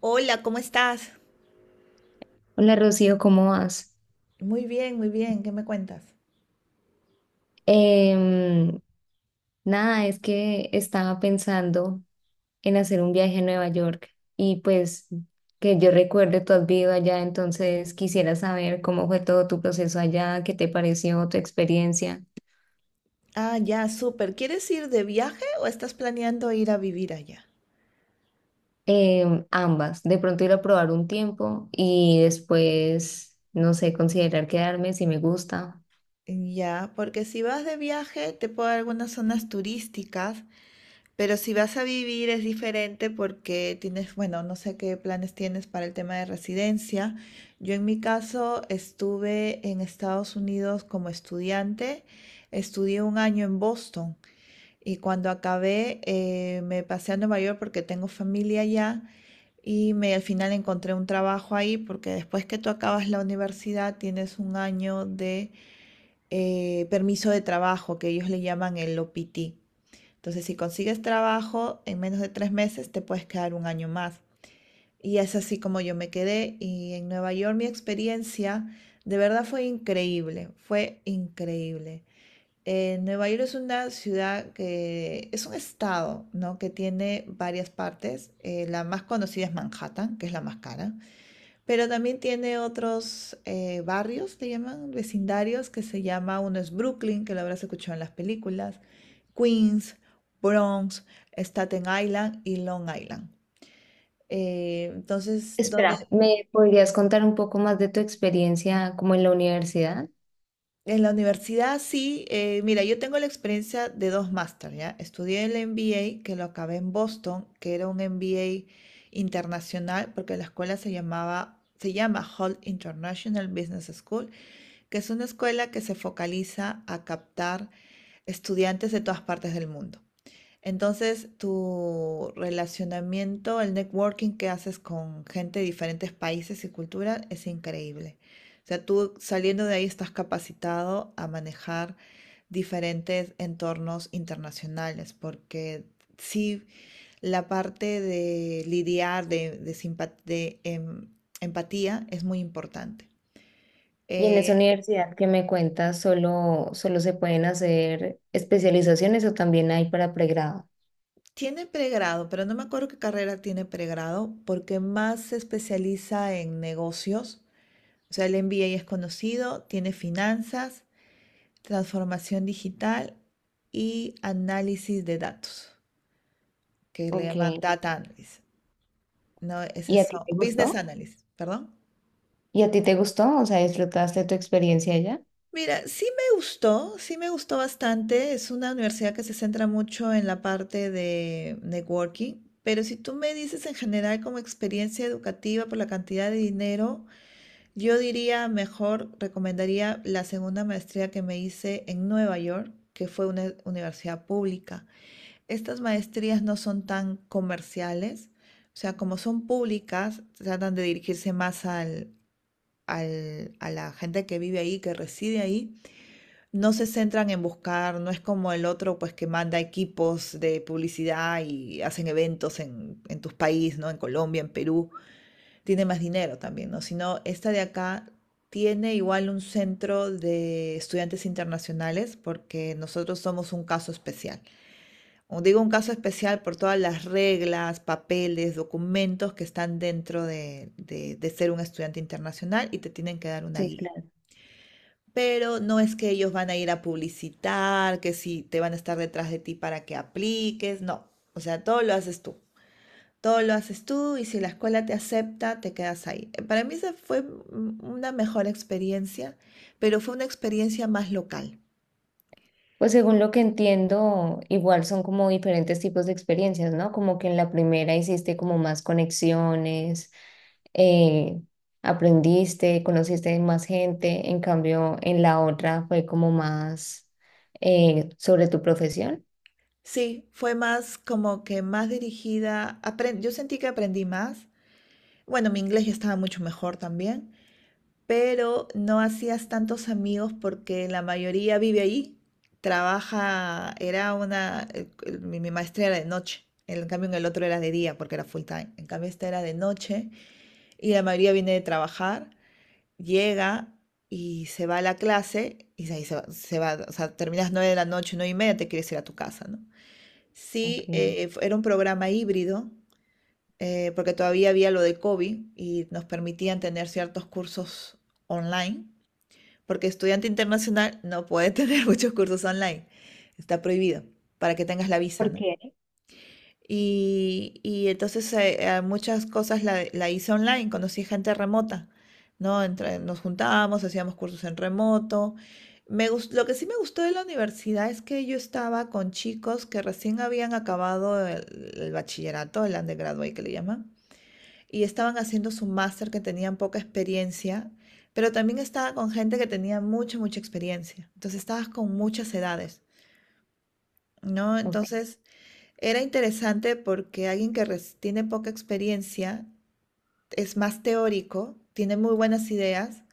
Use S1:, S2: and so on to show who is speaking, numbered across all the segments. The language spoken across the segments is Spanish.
S1: Hola, ¿cómo estás?
S2: Hola Rocío, ¿cómo vas?
S1: Muy bien, ¿qué me cuentas?
S2: Em, Nada, es que estaba pensando en hacer un viaje a Nueva York y pues que yo recuerde, tú has vivido allá, entonces quisiera saber cómo fue todo tu proceso allá, qué te pareció tu experiencia.
S1: Ah, ya, súper. ¿Quieres ir de viaje o estás planeando ir a vivir allá?
S2: Ambas, de pronto ir a probar un tiempo y después, no sé, considerar quedarme si me gusta.
S1: Ya, porque si vas de viaje te puedo dar algunas zonas turísticas, pero si vas a vivir es diferente porque tienes, bueno, no sé qué planes tienes para el tema de residencia. Yo en mi caso estuve en Estados Unidos como estudiante, estudié un año en Boston. Y cuando acabé, me pasé a Nueva York porque tengo familia allá y me, al final encontré un trabajo ahí porque después que tú acabas la universidad tienes un año de permiso de trabajo que ellos le llaman el OPT. Entonces, si consigues trabajo en menos de tres meses, te puedes quedar un año más. Y es así como yo me quedé y en Nueva York mi experiencia de verdad fue increíble, fue increíble. Nueva York es una ciudad que es un estado, ¿no? Que tiene varias partes. La más conocida es Manhattan, que es la más cara, pero también tiene otros barrios, le llaman vecindarios, que se llama, uno es Brooklyn, que lo habrás escuchado en las películas, Queens, Bronx, Staten Island y Long Island. Entonces,
S2: Espera,
S1: donde
S2: ¿me podrías contar un poco más de tu experiencia como en la universidad?
S1: En la universidad sí, mira, yo tengo la experiencia de dos máster, ¿ya? Estudié el MBA, que lo acabé en Boston, que era un MBA internacional, porque la escuela se llamaba, se llama Holt International Business School, que es una escuela que se focaliza a captar estudiantes de todas partes del mundo. Entonces, tu relacionamiento, el networking que haces con gente de diferentes países y culturas es increíble. O sea, tú saliendo de ahí estás capacitado a manejar diferentes entornos internacionales, porque sí, la parte de lidiar, de empatía es muy importante.
S2: Y en esa
S1: Eh,
S2: universidad que me cuentas, ¿solo se pueden hacer especializaciones o también hay para pregrado?
S1: tiene pregrado, pero no me acuerdo qué carrera tiene pregrado, porque más se especializa en negocios. O sea, el MBA es conocido, tiene finanzas, transformación digital y análisis de datos, que le
S2: Ok.
S1: llaman data analysis. No, es
S2: ¿Y a ti
S1: eso,
S2: te
S1: business
S2: gustó?
S1: analysis, perdón.
S2: ¿Y a ti te gustó? O sea, ¿disfrutaste tu experiencia allá?
S1: Mira, sí me gustó bastante. Es una universidad que se centra mucho en la parte de networking, pero si tú me dices en general como experiencia educativa por la cantidad de dinero, yo diría mejor, recomendaría la segunda maestría que me hice en Nueva York, que fue una universidad pública. Estas maestrías no son tan comerciales, o sea, como son públicas, tratan de dirigirse más al, a la gente que vive ahí, que reside ahí. No se centran en buscar, no es como el otro, pues que manda equipos de publicidad y hacen eventos en tus países, ¿no? En Colombia, en Perú tiene más dinero también, ¿no? Sino esta de acá tiene igual un centro de estudiantes internacionales porque nosotros somos un caso especial. O digo un caso especial por todas las reglas, papeles, documentos que están dentro de ser un estudiante internacional y te tienen que dar una
S2: Sí,
S1: guía.
S2: claro.
S1: Pero no es que ellos van a ir a publicitar, que si te van a estar detrás de ti para que apliques, no. O sea, todo lo haces tú. Todo lo haces tú y si la escuela te acepta, te quedas ahí. Para mí esa fue una mejor experiencia, pero fue una experiencia más local.
S2: Pues según lo que entiendo, igual son como diferentes tipos de experiencias, ¿no? Como que en la primera hiciste como más conexiones, eh, aprendiste, conociste más gente, en cambio en la otra fue como más sobre tu profesión.
S1: Sí, fue más como que más dirigida. Yo sentí que aprendí más. Bueno, mi inglés ya estaba mucho mejor también, pero no hacías tantos amigos porque la mayoría vive ahí, trabaja, era una, mi maestría era de noche. En cambio, en el otro era de día porque era full time. En cambio, esta era de noche y la mayoría viene de trabajar. Llega y se va a la clase y ahí se va, o sea, terminas 9 de la noche, 9 y media, te quieres ir a tu casa, ¿no? Sí,
S2: Ok.
S1: era un programa híbrido, porque todavía había lo de COVID y nos permitían tener ciertos cursos online, porque estudiante internacional no puede tener muchos cursos online, está prohibido para que tengas la visa,
S2: ¿Por
S1: ¿no?
S2: qué?
S1: Y entonces a muchas cosas la hice online, conocí gente remota, ¿no? Nos juntábamos, hacíamos cursos en remoto. Lo que sí me gustó de la universidad es que yo estaba con chicos que recién habían acabado el bachillerato, el undergraduate que le llaman, y estaban haciendo su máster que tenían poca experiencia, pero también estaba con gente que tenía mucha, mucha experiencia. Entonces estabas con muchas edades, ¿no?
S2: Ok,
S1: Entonces... Era interesante porque alguien que tiene poca experiencia es más teórico, tiene muy buenas ideas,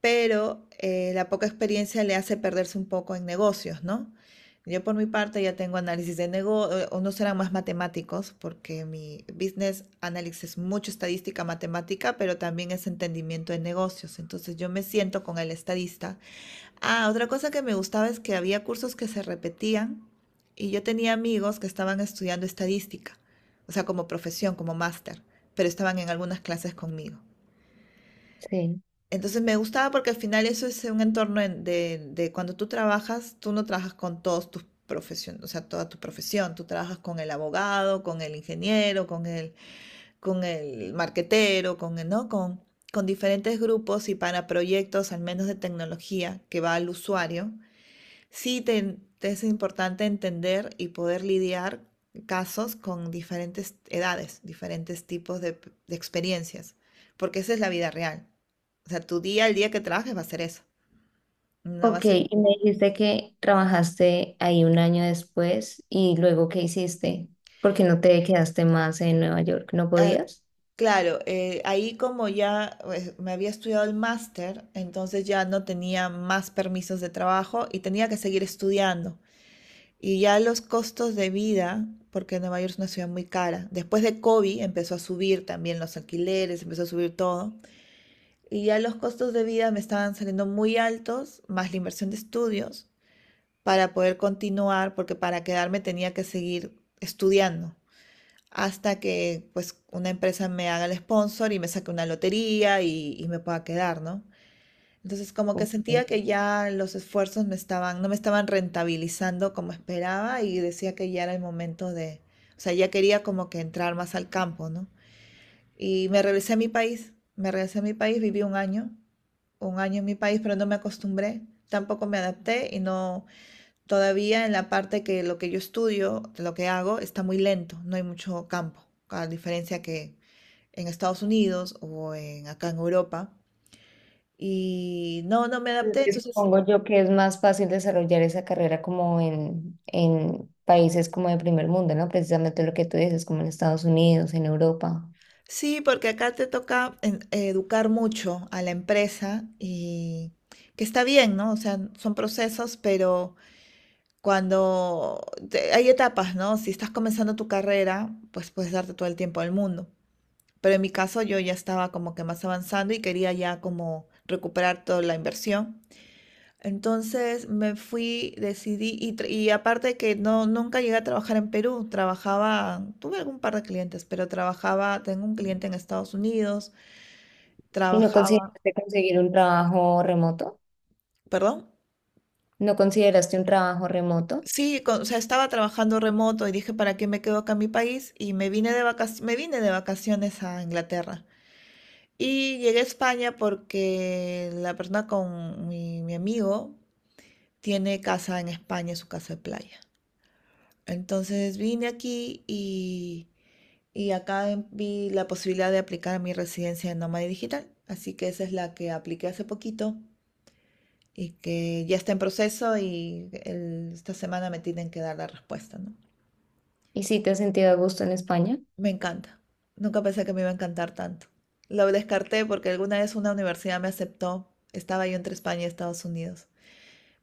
S1: pero la poca experiencia le hace perderse un poco en negocios, ¿no? Yo por mi parte ya tengo análisis de negocios, unos eran más matemáticos porque mi business analysis es mucho estadística matemática, pero también es entendimiento de negocios. Entonces yo me siento con el estadista. Ah, otra cosa que me gustaba es que había cursos que se repetían y yo tenía amigos que estaban estudiando estadística, o sea, como profesión, como máster, pero estaban en algunas clases conmigo.
S2: sí.
S1: Entonces me gustaba porque al final eso es un entorno de cuando tú trabajas, tú no trabajas con todos tus profesiones, o sea, toda tu profesión, tú trabajas con el abogado, con el ingeniero, con el marquetero, con el, ¿no? Con diferentes grupos y para proyectos, al menos de tecnología, que va al usuario. Sí, te es importante entender y poder lidiar casos con diferentes edades, diferentes tipos de, de experiencias, porque esa es la vida real. O sea, tu día, el día que trabajes va a ser eso. No va a
S2: Ok,
S1: ser...
S2: y me dijiste que trabajaste ahí un año después y luego ¿qué hiciste? ¿Por qué no te quedaste más en Nueva York? ¿No
S1: Ah,
S2: podías?
S1: claro, ahí como ya pues, me había estudiado el máster, entonces ya no tenía más permisos de trabajo y tenía que seguir estudiando. Y ya los costos de vida, porque Nueva York es una ciudad muy cara, después de COVID empezó a subir también los alquileres, empezó a subir todo. Y ya los costos de vida me estaban saliendo muy altos, más la inversión de estudios, para poder continuar, porque para quedarme tenía que seguir estudiando hasta que pues una empresa me haga el sponsor y me saque una lotería y me pueda quedar, ¿no? Entonces, como que
S2: Ok.
S1: sentía que ya los esfuerzos me estaban, no me estaban rentabilizando como esperaba y decía que ya era el momento de, o sea, ya quería como que entrar más al campo, ¿no? Y me regresé a mi país, me regresé a mi país, viví un año en mi país, pero no me acostumbré, tampoco me adapté y no, todavía en la parte que lo que yo estudio, lo que hago, está muy lento, no hay mucho campo, a diferencia que en Estados Unidos o en, acá en Europa. Y no, no me
S2: Es
S1: adapté,
S2: que
S1: entonces
S2: supongo yo que es más fácil desarrollar esa carrera como en países como de primer mundo, ¿no? Precisamente lo que tú dices, como en Estados Unidos, en Europa.
S1: sí, porque acá te toca educar mucho a la empresa y que está bien, ¿no? O sea, son procesos, pero cuando hay etapas, ¿no? Si estás comenzando tu carrera, pues puedes darte todo el tiempo al mundo. Pero en mi caso yo ya estaba como que más avanzando y quería ya como recuperar toda la inversión. Entonces me fui, decidí, y aparte que no, nunca llegué a trabajar en Perú, trabajaba, tuve algún par de clientes, pero trabajaba, tengo un cliente en Estados Unidos,
S2: ¿Y no
S1: trabajaba,
S2: consideraste conseguir un trabajo remoto?
S1: ¿perdón?
S2: ¿No consideraste un trabajo remoto?
S1: Sí, o sea, estaba trabajando remoto y dije, ¿para qué me quedo acá en mi país? Y me vine de vacaciones, me vine de vacaciones a Inglaterra. Y llegué a España porque la persona con mi amigo tiene casa en España, su casa de playa. Entonces vine aquí y vi la posibilidad de aplicar a mi residencia de nómada digital. Así que esa es la que apliqué hace poquito, y que ya está en proceso y esta semana me tienen que dar la respuesta, ¿no?
S2: ¿Y si te has sentido a gusto en España?
S1: Me encanta. Nunca pensé que me iba a encantar tanto. Lo descarté porque alguna vez una universidad me aceptó. Estaba yo entre España y Estados Unidos.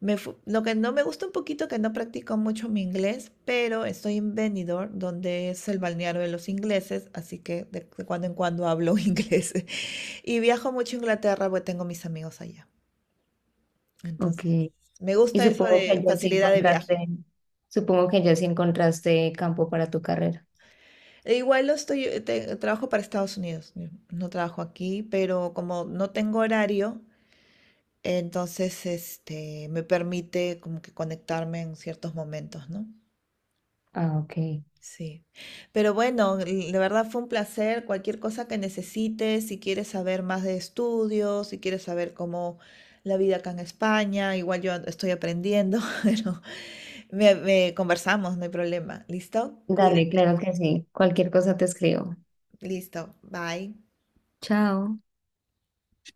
S1: Lo que no me gusta un poquito que no practico mucho mi inglés, pero estoy en Benidorm, donde es el balneario de los ingleses, así que de cuando en cuando hablo inglés. Y viajo mucho a Inglaterra porque tengo mis amigos allá.
S2: Ok.
S1: Entonces, me
S2: Y
S1: gusta eso
S2: supongo que
S1: de
S2: ya sí
S1: facilidad de viaje.
S2: encontraste, supongo que ya sí encontraste campo para tu carrera.
S1: E igual lo estoy, trabajo para Estados Unidos, no trabajo aquí, pero como no tengo horario, entonces este me permite como que conectarme en ciertos momentos, ¿no?
S2: Ah, ok.
S1: Sí. Pero bueno, la verdad fue un placer. Cualquier cosa que necesites, si quieres saber más de estudios, si quieres saber cómo la vida acá en España, igual yo estoy aprendiendo, pero me conversamos, no hay problema. ¿Listo?
S2: Dale,
S1: Cuídate.
S2: claro que sí. Cualquier cosa te escribo.
S1: Listo. Bye.
S2: Chao.